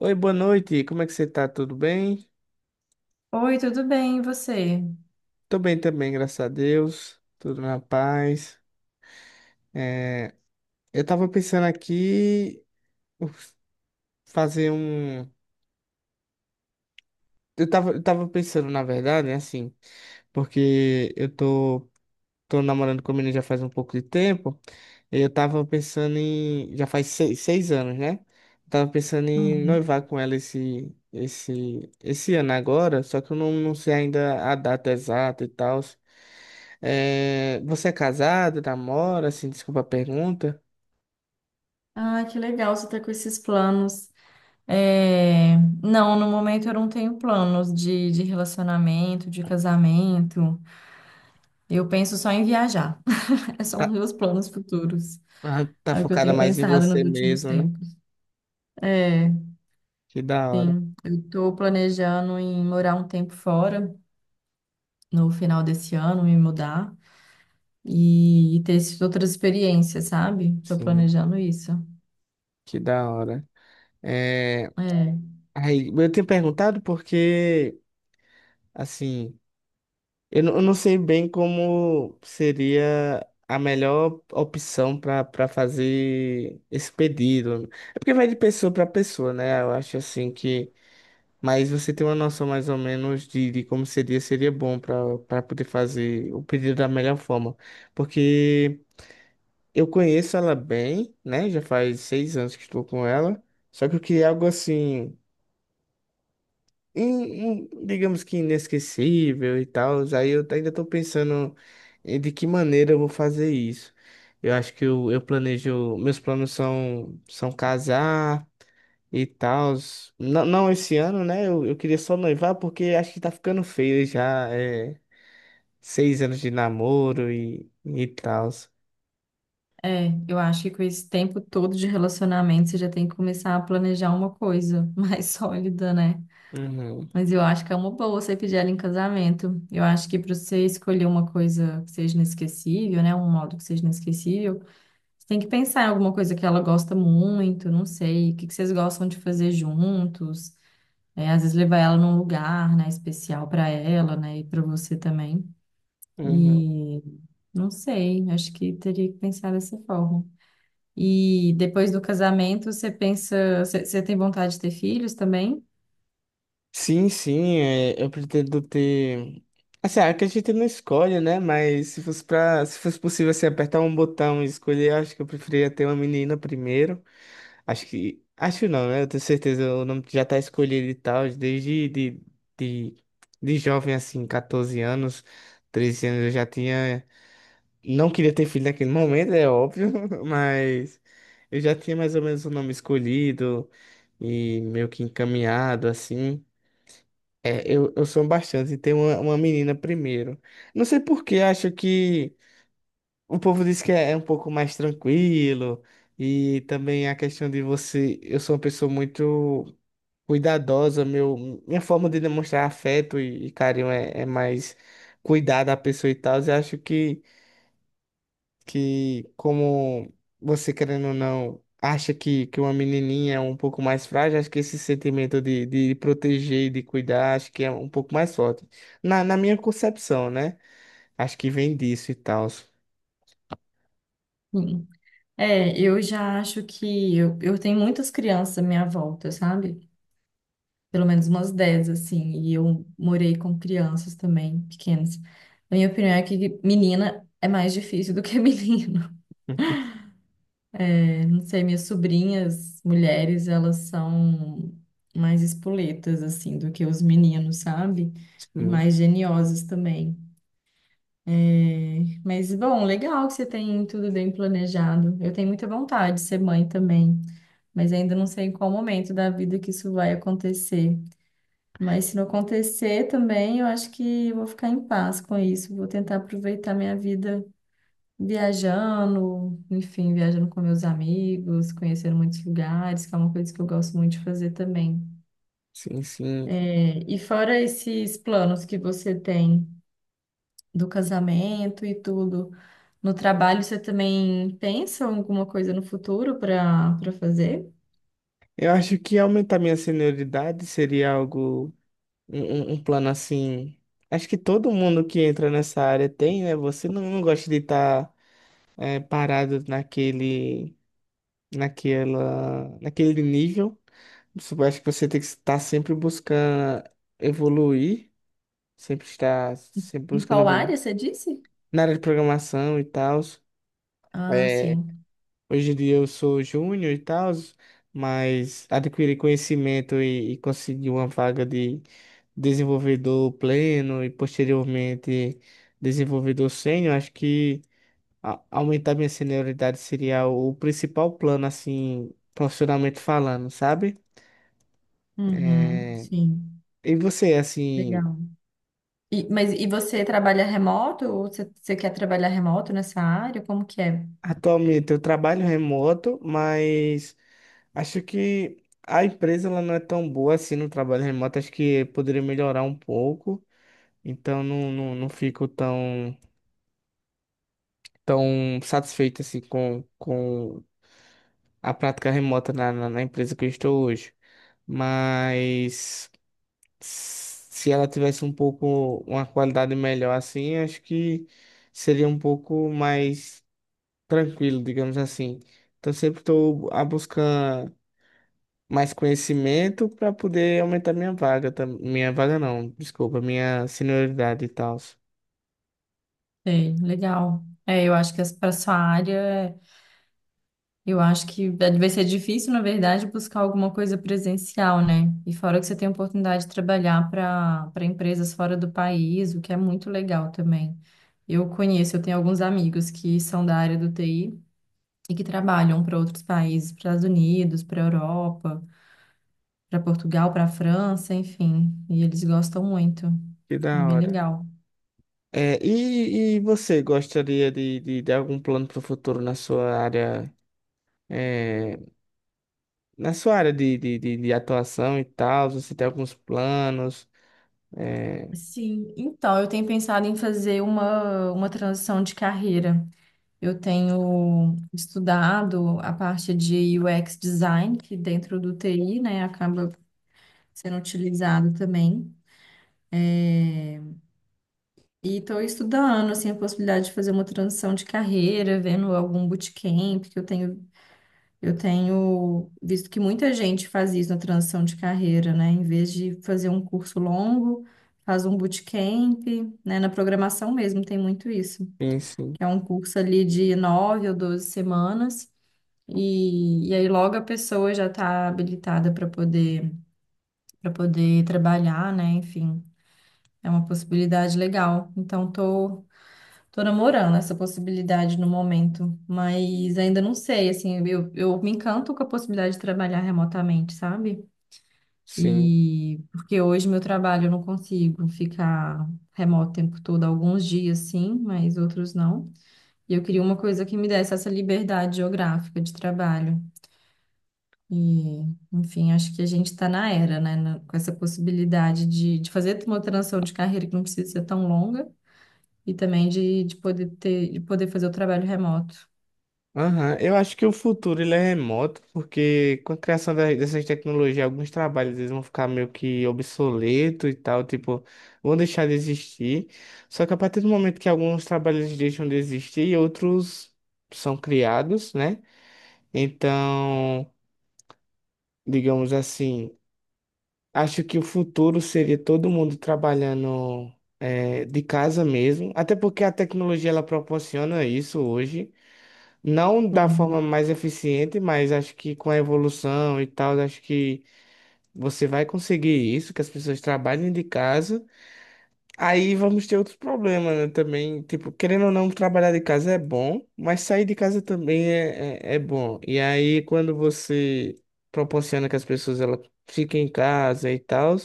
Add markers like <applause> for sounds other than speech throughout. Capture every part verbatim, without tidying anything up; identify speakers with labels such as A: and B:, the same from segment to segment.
A: Oi, boa noite. Como é que você tá? Tudo bem?
B: Oi, tudo bem, e você?
A: Tô bem também, graças a Deus. Tudo na paz. É, eu tava pensando aqui uf, fazer um. Eu tava, eu tava pensando, na verdade, né, assim, porque eu tô, tô namorando com a menina já faz um pouco de tempo. E eu tava pensando em. Já faz seis, seis anos, né? Eu tava pensando em
B: Uhum.
A: noivar com ela esse, esse, esse ano agora, só que eu não, não sei ainda a data exata e tal. É, você é casado, namora, assim, desculpa a pergunta.
B: Ah, que legal você tá com esses planos. É, não, no momento eu não tenho planos de, de relacionamento, de casamento. Eu penso só em viajar. <laughs> Esses são os
A: Tá,
B: meus planos futuros.
A: ah, tá
B: É o que eu
A: focada
B: tenho
A: mais em
B: pensado
A: você
B: nos últimos
A: mesmo, né?
B: tempos. É,
A: Que da hora.
B: sim. Eu tô planejando em morar um tempo fora no final desse ano, me mudar e, e ter essas outras experiências, sabe? Tô
A: Sim,
B: planejando isso.
A: que da hora. É,
B: É.
A: aí, eu tenho perguntado porque, assim, eu, não- eu não sei bem como seria a melhor opção para para fazer esse pedido. É porque vai de pessoa para pessoa, né? Eu acho assim que mas você tem uma noção mais ou menos de, de como seria, seria bom para para poder fazer o pedido da melhor forma. Porque eu conheço ela bem, né? Já faz seis anos que estou com ela. Só que eu queria algo assim, in- in- digamos que inesquecível e tal. Aí eu ainda estou pensando em de que maneira eu vou fazer isso. Eu acho que eu, eu planejo, meus planos são, são casar e tal. Não, não esse ano, né? Eu, eu queria só noivar porque acho que tá ficando feio já. É, seis anos de namoro e, e tal.
B: É, eu acho que com esse tempo todo de relacionamento você já tem que começar a planejar uma coisa <laughs> mais sólida, né?
A: Uhum,
B: Mas eu acho que é uma boa você pedir ela em casamento. Eu acho que para você escolher uma coisa que seja inesquecível, né? Um modo que seja inesquecível, você tem que pensar em alguma coisa que ela gosta muito, não sei, o que que vocês gostam de fazer juntos. É, às vezes levar ela num lugar, né, especial para ela, né, e para você também.
A: uhum.
B: E não sei, acho que teria que pensar dessa forma. E depois do casamento, você pensa, você você tem vontade de ter filhos também?
A: Sim, sim, é, eu pretendo ter. Assim, ah, que a gente não escolhe, né? Mas se fosse pra, se fosse possível assim, apertar um botão e escolher, eu acho que eu preferia ter uma menina primeiro. Acho que. Acho não, né? Eu tenho certeza, o nome já tá escolhido e tal, desde de, de, de jovem, assim, quatorze anos, treze anos, eu já tinha. Não queria ter filho naquele momento, é óbvio, <laughs> mas eu já tinha mais ou menos o nome escolhido e meio que encaminhado, assim. É, eu, eu sou bastante, tem uma, uma menina primeiro. Não sei por que, acho que. O povo diz que é é um pouco mais tranquilo e também a questão de você. Eu sou uma pessoa muito cuidadosa, meu, minha forma de demonstrar afeto e, e carinho é, é mais cuidar da pessoa e tal. Eu acho que, que como você querendo ou não acha que, que uma menininha é um pouco mais frágil, acho que esse sentimento de, de proteger e de cuidar, acho que é um pouco mais forte. Na, na minha concepção, né? Acho que vem disso e tal.
B: Sim. É, eu já acho que eu, eu tenho muitas crianças à minha volta, sabe? Pelo menos umas dez assim, e eu morei com crianças também, pequenas. A minha opinião é que menina é mais difícil do que <laughs> menino.
A: <laughs>
B: Eu não sei, minhas sobrinhas, mulheres, elas são mais espoletas, assim, do que os meninos, sabe? E
A: Sim,
B: mais geniosas também. É, mas, bom, legal que você tem tudo bem planejado. Eu tenho muita vontade de ser mãe também, mas ainda não sei em qual momento da vida que isso vai acontecer. Mas se não acontecer também, eu acho que eu vou ficar em paz com isso. Vou tentar aproveitar minha vida viajando, enfim, viajando com meus amigos, conhecendo muitos lugares, que é uma coisa que eu gosto muito de fazer também.
A: sim. Sim.
B: É, e fora esses planos que você tem do casamento e tudo. No trabalho, você também pensa em alguma coisa no futuro para para fazer?
A: Eu acho que aumentar minha senioridade seria algo, um, um- um plano assim. Acho que todo mundo que entra nessa área tem, né? Você não, não gosta de estar parado naquele, naquela, naquele nível. Você- acho que você tem que estar sempre buscando evoluir, sempre estar sempre
B: Em
A: buscando
B: qual
A: evoluir
B: área você disse?
A: na área de programação e tal.
B: Ah, sim.
A: Hoje em dia eu sou júnior e tal, mas adquiri conhecimento e, e consegui uma vaga de desenvolvedor pleno e posteriormente desenvolvedor sênior. Acho que a- aumentar minha senioridade seria o principal plano, assim, profissionalmente falando, sabe?
B: Uhum,
A: É,
B: sim.
A: e você, assim,
B: Legal. E, mas e você trabalha remoto? Ou você, você quer trabalhar remoto nessa área? Como que é?
A: atualmente eu trabalho remoto, mas acho que a empresa ela não é tão boa assim no trabalho remoto. Acho que poderia melhorar um pouco. Então não, não, não fico tão, tão satisfeito assim com, com a prática remota na, na, na empresa que eu estou hoje. Mas se ela tivesse um pouco uma qualidade melhor assim, acho que seria um pouco mais tranquilo, digamos assim. Então sempre estou a buscar mais conhecimento para poder aumentar minha vaga, tam- minha vaga não, desculpa, minha senioridade e tal.
B: Sei, legal. É, eu acho que para sua área. Eu acho que é, vai ser difícil, na verdade, buscar alguma coisa presencial, né? E fora que você tem a oportunidade de trabalhar para para empresas fora do país, o que é muito legal também. Eu conheço, eu tenho alguns amigos que são da área do T I e que trabalham para outros países, para os Estados Unidos, para a Europa, para Portugal, para a França, enfim. E eles gostam muito.
A: Que da
B: É bem
A: hora.
B: legal.
A: É, e, e você gostaria de, de, de algum plano para o futuro na sua área, é, na sua área de, de, de, de atuação e tal? Você tem alguns planos? É,
B: Sim, então eu tenho pensado em fazer uma, uma transição de carreira. Eu tenho estudado a parte de U X design, que dentro do T I, né, acaba sendo utilizado também. E estou estudando, assim, a possibilidade de fazer uma transição de carreira, vendo algum bootcamp, que eu tenho, eu tenho visto que muita gente faz isso na transição de carreira, né? Em vez de fazer um curso longo, faz um bootcamp, né? Na programação mesmo tem muito isso,
A: sim, sim.
B: que é um curso ali de nove ou doze semanas. E, e aí logo a pessoa já está habilitada para poder para poder trabalhar, né? Enfim, é uma possibilidade legal. Então tô tô namorando essa possibilidade no momento, mas ainda não sei, assim, eu, eu me encanto com a possibilidade de trabalhar remotamente, sabe?
A: Sim.
B: E porque hoje meu trabalho eu não consigo ficar remoto o tempo todo, alguns dias sim, mas outros não. E eu queria uma coisa que me desse essa liberdade geográfica de trabalho. E, enfim, acho que a gente está na era, né, na- com essa possibilidade de, de fazer uma transição de carreira que não precisa ser tão longa e também de, de poder ter, de poder fazer o trabalho remoto.
A: Aham. Eu acho que o futuro ele é remoto, porque com a criação da- dessas tecnologias, alguns trabalhos eles vão ficar meio que obsoleto e tal, tipo, vão deixar de existir. Só que a partir do momento que alguns trabalhos deixam de existir, outros são criados, né? Então digamos assim, acho que o futuro seria todo mundo trabalhando eh, de casa mesmo, até porque a tecnologia ela proporciona isso hoje, não da forma
B: Sim,
A: mais eficiente, mas acho que com a evolução e tal, acho que você vai conseguir isso, que as pessoas trabalhem de casa. Aí vamos ter outros problemas, né? Também, tipo, querendo ou não, trabalhar de casa é bom, mas sair de casa também é, é, é bom. E aí, quando você proporciona que as pessoas ela fiquem em casa e tal,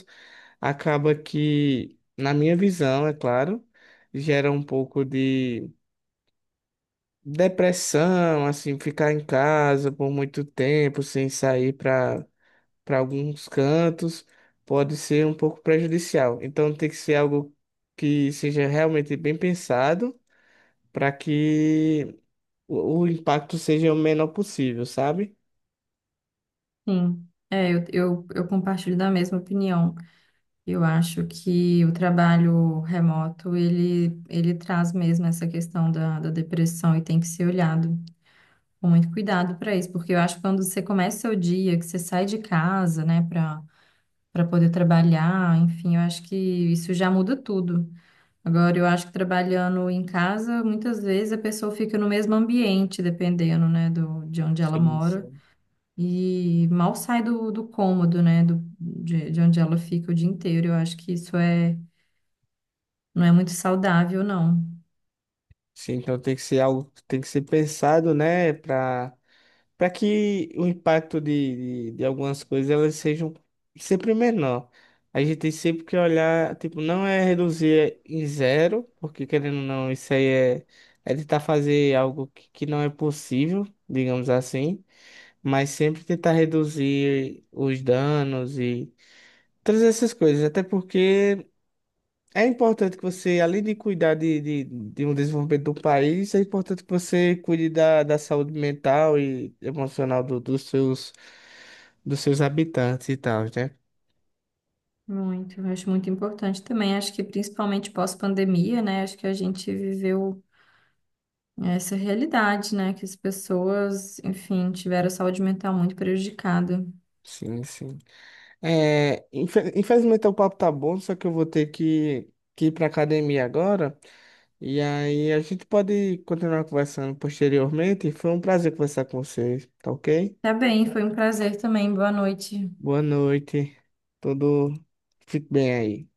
A: acaba que, na minha visão, é claro, gera um pouco de depressão, assim, ficar em casa por muito tempo sem sair para para alguns cantos, pode ser um pouco prejudicial. Então tem que ser algo que seja realmente bem pensado para que o o impacto seja o menor possível, sabe?
B: sim. É, eu, eu, eu compartilho da mesma opinião. Eu acho que o trabalho remoto, ele, ele traz mesmo essa questão da, da depressão e tem que ser olhado com muito cuidado para isso, porque eu acho que quando você começa o dia, que você sai de casa, né, para poder trabalhar, enfim, eu acho que isso já muda tudo. Agora, eu acho que trabalhando em casa, muitas vezes a pessoa fica no mesmo ambiente, dependendo, né, do, de onde ela
A: Sim,
B: mora,
A: sim.
B: e mal sai do, do cômodo, né, do, de, de onde ela fica o dia inteiro. Eu acho que isso é, não é muito saudável, não.
A: Sim, então tem que ser algo que tem que ser pensado, né, para para que o impacto de, de, de algumas coisas elas sejam sempre menor. A gente tem sempre que olhar, tipo, não é reduzir em zero, porque querendo ou não, isso aí é, é tentar fazer algo que, que não é possível, digamos assim, mas sempre tentar reduzir os danos e todas essas coisas, até porque. É importante que você, além de cuidar de, de, de um desenvolvimento do país, é importante que você cuide da, da saúde mental e emocional do- dos seus, dos seus habitantes e tal, né?
B: Muito, eu acho muito importante também. Acho que principalmente pós-pandemia, né, acho que a gente viveu essa realidade, né, que as pessoas, enfim, tiveram a saúde mental muito prejudicada.
A: Sim, sim. É, infe- infelizmente o papo tá bom, só que eu vou ter que, que ir pra academia agora. E aí a gente pode continuar conversando posteriormente. Foi um prazer conversar com vocês, tá ok?
B: Tá bem, foi um prazer também. Boa noite.
A: Boa noite. Tudo fique bem aí.